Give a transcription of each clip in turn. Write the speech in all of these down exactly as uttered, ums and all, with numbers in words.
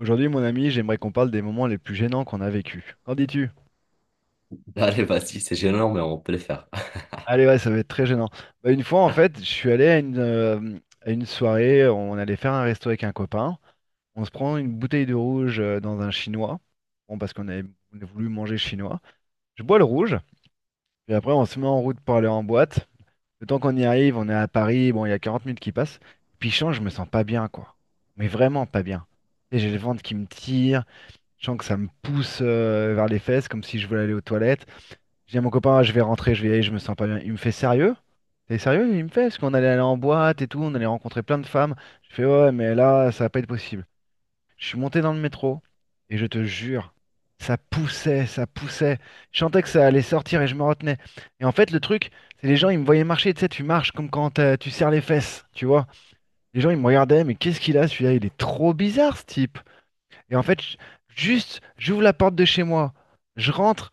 Aujourd'hui, mon ami, j'aimerais qu'on parle des moments les plus gênants qu'on a vécus. Qu'en dis-tu? Allez, vas-y, c'est gênant, mais on peut le faire. Allez, ouais, ça va être très gênant. Bah, une fois, en fait, je suis allé à une, euh, à une soirée, on allait faire un resto avec un copain. On se prend une bouteille de rouge euh, dans un chinois. Bon, parce qu'on avait, on a voulu manger chinois. Je bois le rouge, puis après, on se met en route pour aller en boîte. Le temps qu'on y arrive, on est à Paris, bon, il y a quarante minutes qui passent. Puis, change, je me sens pas bien, quoi. Mais vraiment pas bien. Et j'ai le ventre qui me tire, je sens que ça me pousse euh, vers les fesses, comme si je voulais aller aux toilettes. Je dis à mon copain, ah, je vais rentrer, je vais y aller, je me sens pas bien. Il me fait sérieux? T'es sérieux? Il me fait, parce qu'on allait aller en boîte et tout, on allait rencontrer plein de femmes. Je fais, ouais, mais là, ça va pas être possible. Je suis monté dans le métro et je te jure, ça poussait, ça poussait. Je sentais que ça allait sortir et je me retenais. Et en fait, le truc, c'est les gens, ils me voyaient marcher, tu sais, tu marches comme quand euh, tu serres les fesses, tu vois. Les gens, ils me regardaient, mais qu'est-ce qu'il a celui-là? Il est trop bizarre, ce type. Et en fait, j- juste, j'ouvre la porte de chez moi, je rentre,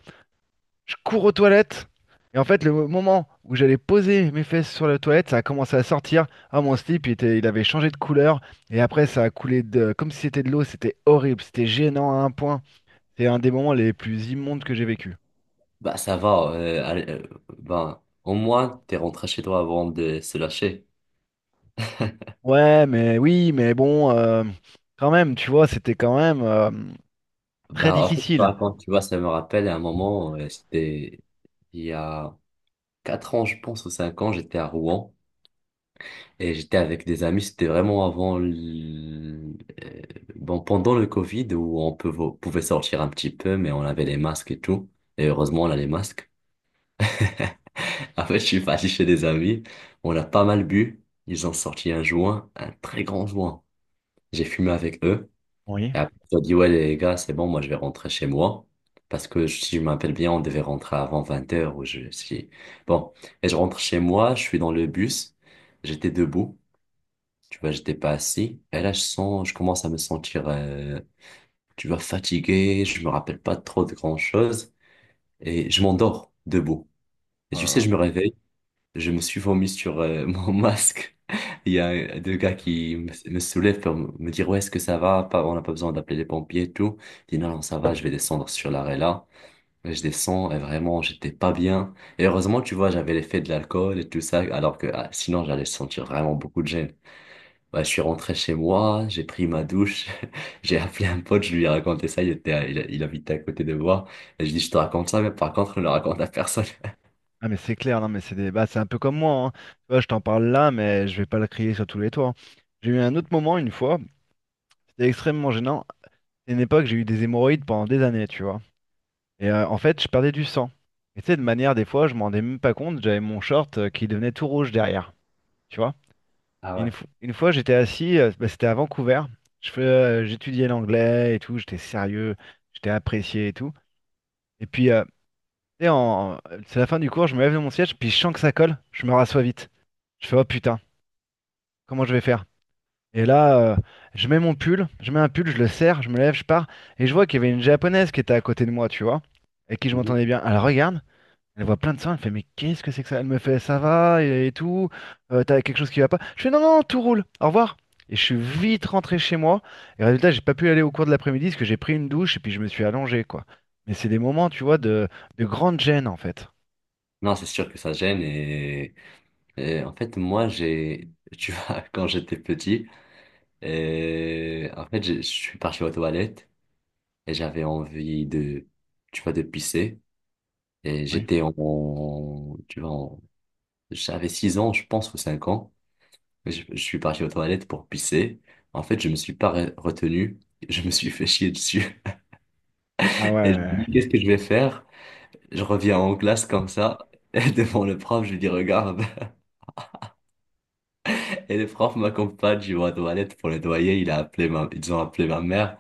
je cours aux toilettes. Et en fait, le moment où j'allais poser mes fesses sur la toilette, ça a commencé à sortir. Ah, mon slip, il était, il avait changé de couleur. Et après, ça a coulé de, comme si c'était de l'eau. C'était horrible, c'était gênant à un point. C'est un des moments les plus immondes que j'ai vécu. Bah, ça va. Euh, allez, euh, bah, au moins, t'es rentré chez toi avant de se lâcher. Ouais, mais oui, mais bon, euh, quand même, tu vois, c'était quand même euh, très Bah, en fait, difficile. bah, quand tu vois, ça me rappelle à un moment, euh, c'était il y a quatre ans, je pense, ou cinq ans. J'étais à Rouen et j'étais avec des amis. C'était vraiment avant, l- euh, bon, pendant le Covid où on peut- pouvait sortir un petit peu, mais on avait les masques et tout. Et heureusement, on a les masques. En fait, je suis parti chez des amis. On a pas mal bu. Ils ont sorti un joint, un très grand joint. J'ai fumé avec eux. Oui. Et après, ils ont dit, ouais, les gars, c'est bon, moi, je vais rentrer chez moi. Parce que si je m'appelle bien, on devait rentrer avant vingt heures ou je si. Bon. Et je rentre chez moi, je suis dans le bus. J'étais debout. Tu vois, j'étais pas assis. Et là, je sens, je commence à me sentir, euh, tu vois, fatigué. Je me rappelle pas trop de grand chose. Et je m'endors debout. Et tu sais, je me réveille. Je me suis vomi sur euh, mon masque. Il y a deux gars qui me, me soulèvent pour me dire, ouais, est-ce que ça va? Pas, on n'a pas besoin d'appeler les pompiers et tout. Je dis, non, non, ça va, je vais descendre sur l'arrêt là. Et je descends et vraiment, j'étais pas bien. Et heureusement, tu vois, j'avais l'effet de l'alcool et tout ça, alors que ah, sinon, j'allais sentir vraiment beaucoup de gêne. Ouais, je suis rentré chez moi, j'ai pris ma douche, j'ai appelé un pote, je lui ai raconté ça, il était, à- il, il habitait à côté de moi. Et je dis, je te raconte ça, mais par contre, ne le raconte à personne. Ah mais c'est clair, non mais c'est des... bah, c'est un peu comme moi, hein. Tu vois, je t'en parle là, mais je vais pas le crier sur tous les toits, hein. J'ai eu un autre moment une fois, c'était extrêmement gênant. C'est une époque, j'ai eu des hémorroïdes pendant des années, tu vois. Et euh, en fait, je perdais du sang. Et tu sais, de manière, des fois, je m'en rendais même pas compte, j'avais mon short euh, qui devenait tout rouge derrière, tu vois. Ah, Et une, ouais. fo- une fois, j'étais assis, euh, bah, c'était à Vancouver, je fais, euh, j'étudiais l'anglais et tout, j'étais sérieux, j'étais apprécié et tout. Et puis, euh, tu sais, en... c'est la fin du cours, je me lève de mon siège, puis je sens que ça colle, je me rassois vite. Je fais, oh putain, comment je vais faire? Et là, euh, je mets mon pull, je mets un pull, je le serre, je me lève, je pars, et je vois qu'il y avait une japonaise qui était à côté de moi, tu vois, et qui je m'entendais bien. Elle regarde, elle voit plein de sang, elle fait, mais qu'est-ce que c'est que ça? Elle me fait, ça va, et, et tout, euh, t'as quelque chose qui va pas? Je fais, non, non, tout roule, au revoir. Et je suis vite rentré chez moi, et résultat, j'ai pas pu aller au cours de l'après-midi parce que j'ai pris une douche et puis je me suis allongé, quoi. Mais c'est des moments, tu vois, de, de grande gêne, en fait. Non, c'est sûr que ça gêne, et, et en fait moi j'ai tu vois, quand j'étais petit, et en fait j'ai je suis parti aux toilettes et j'avais envie de, tu vois, de pisser, et Oui. j'étais en en- tu vois en- j'avais six ans je pense, ou cinq ans. je, je suis parti aux toilettes pour pisser. En fait je me suis pas re- retenu, je me suis fait chier dessus. Ah ouais, Et je me dis, ouais, ouais. qu'est-ce que je vais faire? Je reviens en classe comme ça, et devant le prof je lui dis, regarde. Et le prof m'accompagne, je vais aux toilettes pour nettoyer. Il a appelé ma... Ils ont appelé ma mère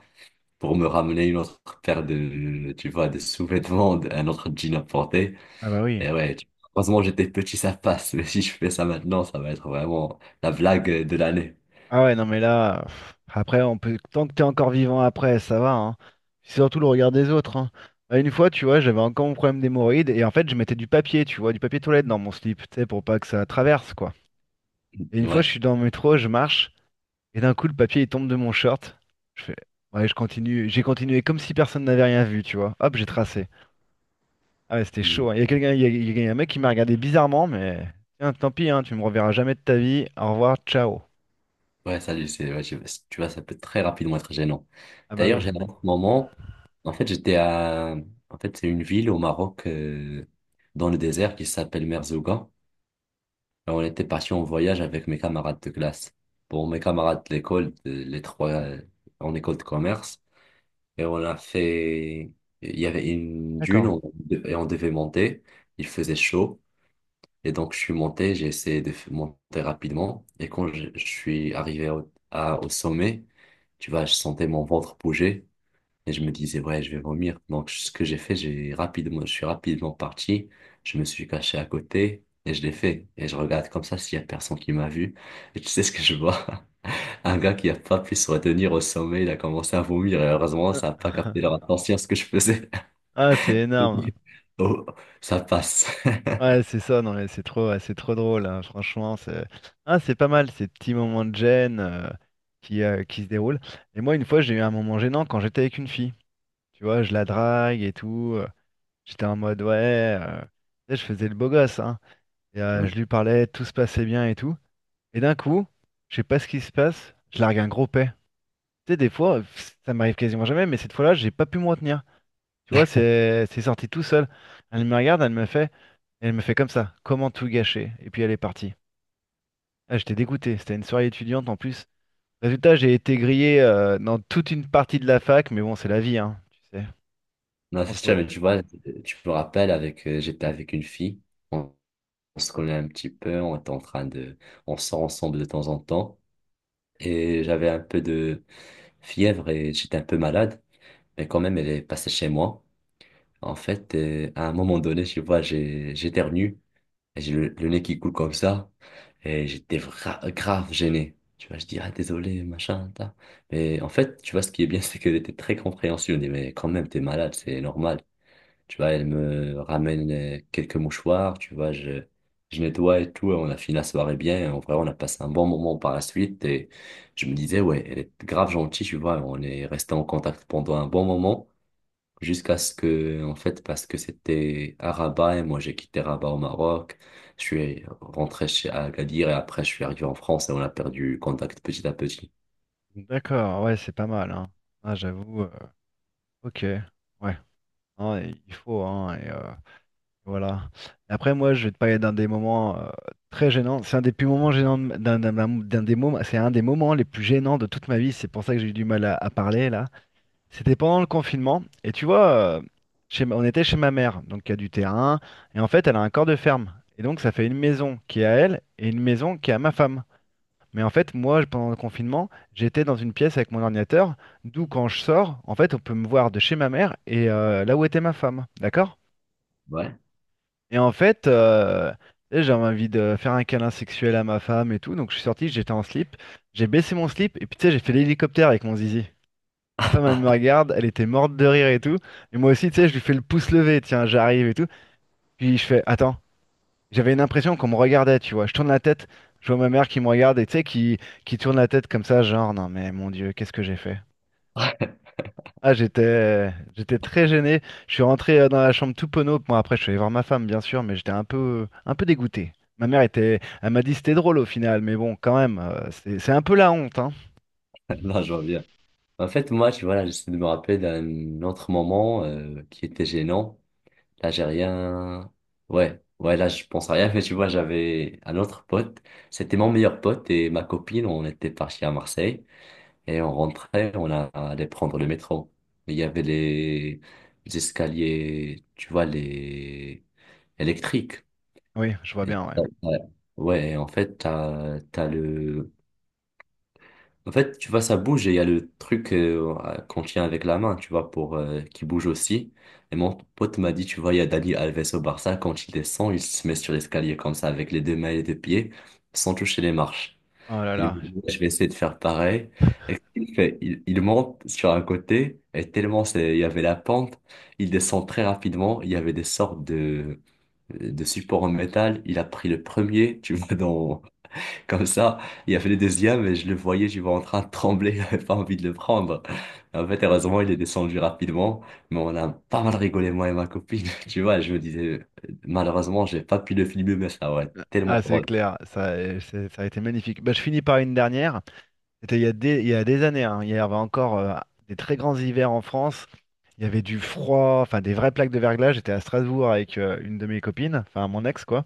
pour me ramener une autre paire de, tu vois, de sous-vêtements, de- un autre jean à porter. Ah bah oui. Et ouais, tu- heureusement, j'étais petit, ça passe. Mais si je fais ça maintenant, ça va être vraiment la blague de l'année. Ah ouais, non mais là, pff, après, on peut, tant que t'es encore vivant après, ça va, hein. C'est surtout le regard des autres, hein. Bah, une fois, tu vois, j'avais encore mon problème d'hémorroïdes et en fait, je mettais du papier, tu vois, du papier toilette dans mon slip, tu sais, pour pas que ça traverse, quoi. Et une fois, je Ouais. suis dans le métro, je marche et d'un coup, le papier, il tombe de mon short. Je fais, ouais, je continue, j'ai continué comme si personne n'avait rien vu, tu vois. Hop, j'ai tracé. Ah ouais, c'était Hmm. chaud, hein. Il y a quelqu'un, il y a, il y a un mec qui m'a regardé bizarrement, mais tiens, tant pis, hein, tu me reverras jamais de ta vie. Au revoir, ciao. Ouais, ça, je sais. Ouais, je- Tu vois, ça peut très rapidement être gênant. Ah bah D'ailleurs, oui, j'ai un autre moment. En fait, j'étais à... En fait, c'est une ville au Maroc, euh, dans le désert, qui s'appelle Merzouga. Alors, on était parti en voyage avec mes camarades de classe. Pour mes camarades de l'école, de- les trois euh, en école de commerce. Et on a fait... Il y avait une dune d'accord. on- et on devait monter. Il faisait chaud. Et donc, je suis monté. J'ai essayé de f- monter rapidement. Et quand je, je suis arrivé au, à- au sommet, tu vois, je sentais mon ventre bouger. Et je me disais, ouais, je vais vomir. Donc, ce que j'ai fait, j'ai rapidement, je suis rapidement parti. Je me suis caché à côté et je l'ai fait. Et je regarde comme ça s'il y a personne qui m'a vu. Et tu sais ce que je vois? Un gars qui a pas pu se retenir au sommet, il a commencé à vomir. Et heureusement, Euh. ça n'a pas capté leur attention à ce que je faisais. Ah, c'est énorme. Oh, ça passe. Ouais, c'est ça, non, mais c'est trop, ouais, c'est trop drôle, hein, franchement. C'est ah, c'est pas mal, ces petits moments de gêne euh, qui, euh, qui se déroulent. Et moi, une fois, j'ai eu un moment gênant quand j'étais avec une fille. Tu vois, je la drague et tout. euh, J'étais en mode, ouais, euh, tu sais, je faisais le beau gosse, hein. Et, euh, Hmm. je lui parlais, tout se passait bien et tout. Et d'un coup, je sais pas ce qui se passe, je largue un gros paix. Tu sais, des fois, pff, ça m'arrive quasiment jamais, mais cette fois-là, j'ai pas pu me retenir. Tu vois, c'est c'est sorti tout seul. Elle me regarde, elle me fait, elle me fait comme ça. Comment tout gâcher? Et puis elle est partie. Ah, j'étais dégoûté. C'était une soirée étudiante en plus. Résultat, j'ai été grillé euh, dans toute une partie de la fac, mais bon, c'est la vie, hein. Tu sais. Non, On c'est se sûr, re- mais tu vois, tu me rappelles avec, euh, j'étais avec une fille. On, on se connaît un petit peu. On était en train de, on sort ensemble de temps en temps. Et j'avais un peu de fièvre et j'étais un peu malade, mais quand même, elle est passée chez moi. En fait, et à un moment donné, tu vois, j'ai, j'éternue et j'ai le, le nez qui coule comme ça, et j'étais vra- grave gêné. Tu vois, je dis, ah, désolé, machin, ta. Mais en fait, tu vois, ce qui est bien, c'est qu'elle était très compréhensive. Elle dit, mais quand même, t'es malade, c'est normal. Tu vois, elle me ramène euh, quelques mouchoirs, tu vois, je, je nettoie et tout, et on a fini la soirée bien. Et En vrai, on a passé un bon moment par la suite, et je me disais, ouais, elle est grave gentille. Tu vois, on est resté en contact pendant un bon moment, jusqu'à ce que, en fait, parce que c'était à Rabat et moi j'ai quitté Rabat au Maroc, je suis rentré chez Agadir, et après je suis arrivé en France, et on a perdu contact petit à petit. D'accord, ouais, c'est pas mal, hein. Ah, j'avoue. euh, ok, ouais. Non, et il faut, hein. Et, euh, voilà. Et après, moi, je vais te parler d'un des moments euh, très gênants. C'est un des plus moments gênants, de- d'un d'un- d'un- d'un des moments. C'est un des moments les plus gênants de toute ma vie. C'est pour ça que j'ai eu du mal à à parler là. C'était pendant le confinement. Et tu vois, euh, chez ma- on était chez ma mère, donc il y a du terrain. Et en fait, elle a un corps de ferme. Et donc, ça fait une maison qui est à elle et une maison qui est à ma femme. Mais en fait, moi, pendant le confinement, j'étais dans une pièce avec mon ordinateur. D'où, quand je sors, en fait, on peut me voir de chez ma mère et euh, là où était ma femme. D'accord? Ouais. Et en fait, euh, tu sais, j'avais envie de faire un câlin sexuel à ma femme et tout. Donc, je suis sorti, j'étais en slip. J'ai baissé mon slip et puis, tu sais, j'ai fait l'hélicoptère avec mon zizi. Ma femme, elle me regarde, elle était morte de rire et tout. Et moi aussi, tu sais, je lui fais le pouce levé, tiens, j'arrive et tout. Puis je fais, attends, j'avais une impression qu'on me regardait, tu vois. Je tourne la tête, je vois ma mère qui me regarde et tu sais, qui, qui tourne la tête comme ça, genre, non mais mon Dieu, qu'est-ce que j'ai fait? Ah, j'étais, j'étais très gêné. Je suis rentré euh, dans la chambre tout penaud. Bon, après, je suis allé voir ma femme, bien sûr, mais j'étais un peu, un peu dégoûté. Ma mère était, elle m'a dit c'était drôle au final, mais bon, quand même, euh, c'est c'est un peu la honte, hein. Non, je vois bien. En fait, moi, tu vois, là, j'essaie de me rappeler d'un autre moment euh, qui était gênant. Là, j'ai rien. Ouais, ouais, là, je pense à rien, mais tu vois, j'avais un autre pote. C'était mon meilleur pote et ma copine. On était partis à Marseille et on rentrait, on a- allait prendre le métro. Il y avait les, les escaliers, tu vois, les électriques. Oui, je vois Et- bien, ouais. Ouais. Ouais, en fait, t'as, t'as le, en fait, tu vois, ça bouge et il y a le truc euh, euh, qu'on tient avec la main, tu vois, pour euh, qui bouge aussi. Et mon pote m'a dit, tu vois, il y a Dani Alves au Barça, quand il descend, il se met sur l'escalier comme ça, avec les deux mains et les deux pieds, sans toucher les marches. Oh là Il me là. dit, je vais essayer de faire pareil. Et qu'est-ce qu'il fait? Il, il monte sur un côté, et tellement c'est, il y avait la pente, il descend très rapidement, il y avait des sortes de, euh, de supports en métal. Il a pris le premier, tu vois, dans. Comme ça, il a fait le deuxième et je le voyais, je vois en train de trembler, j'avais pas envie de le prendre. En fait, heureusement, il est descendu rapidement, mais on a pas mal rigolé, moi et ma copine. Tu vois, je me disais, malheureusement, j'ai pas pu le filmer, mais ça aurait été tellement Ah, c'est drôle. clair, ça, euh, c'est- ça a été magnifique. Bah, je finis par une dernière. C'était il y a des, il y a des années, hein. Il y avait encore euh, des très grands hivers en France. Il y avait du froid, enfin des vraies plaques de verglas. J'étais à Strasbourg avec euh, une de mes copines, enfin mon ex quoi.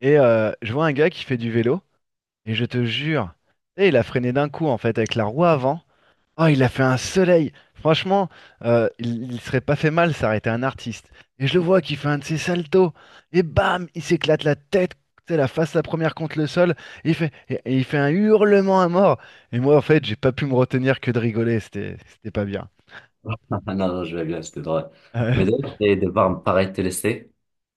Et euh, je vois un gars qui fait du vélo, et je te jure, tu sais, il a freiné d'un coup en fait avec la roue avant. Oh, il a fait un soleil. Franchement, euh, il, il serait pas fait mal s'arrêter un artiste. Et je le vois qui fait un de ses saltos. Et bam, il s'éclate la tête, c'est la face la première contre le sol. Et il fait, et- et il fait un hurlement à mort. Et moi, en fait, j'ai pas pu me retenir que de rigoler. C'était, c'était pas bien. Ah, non, non, je vais bien, c'était drôle. Euh, Mais d'ailleurs, je vais devoir me paraître te laisser.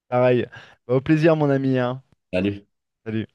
pareil. Bah, au plaisir, mon ami, hein. Salut. Salut.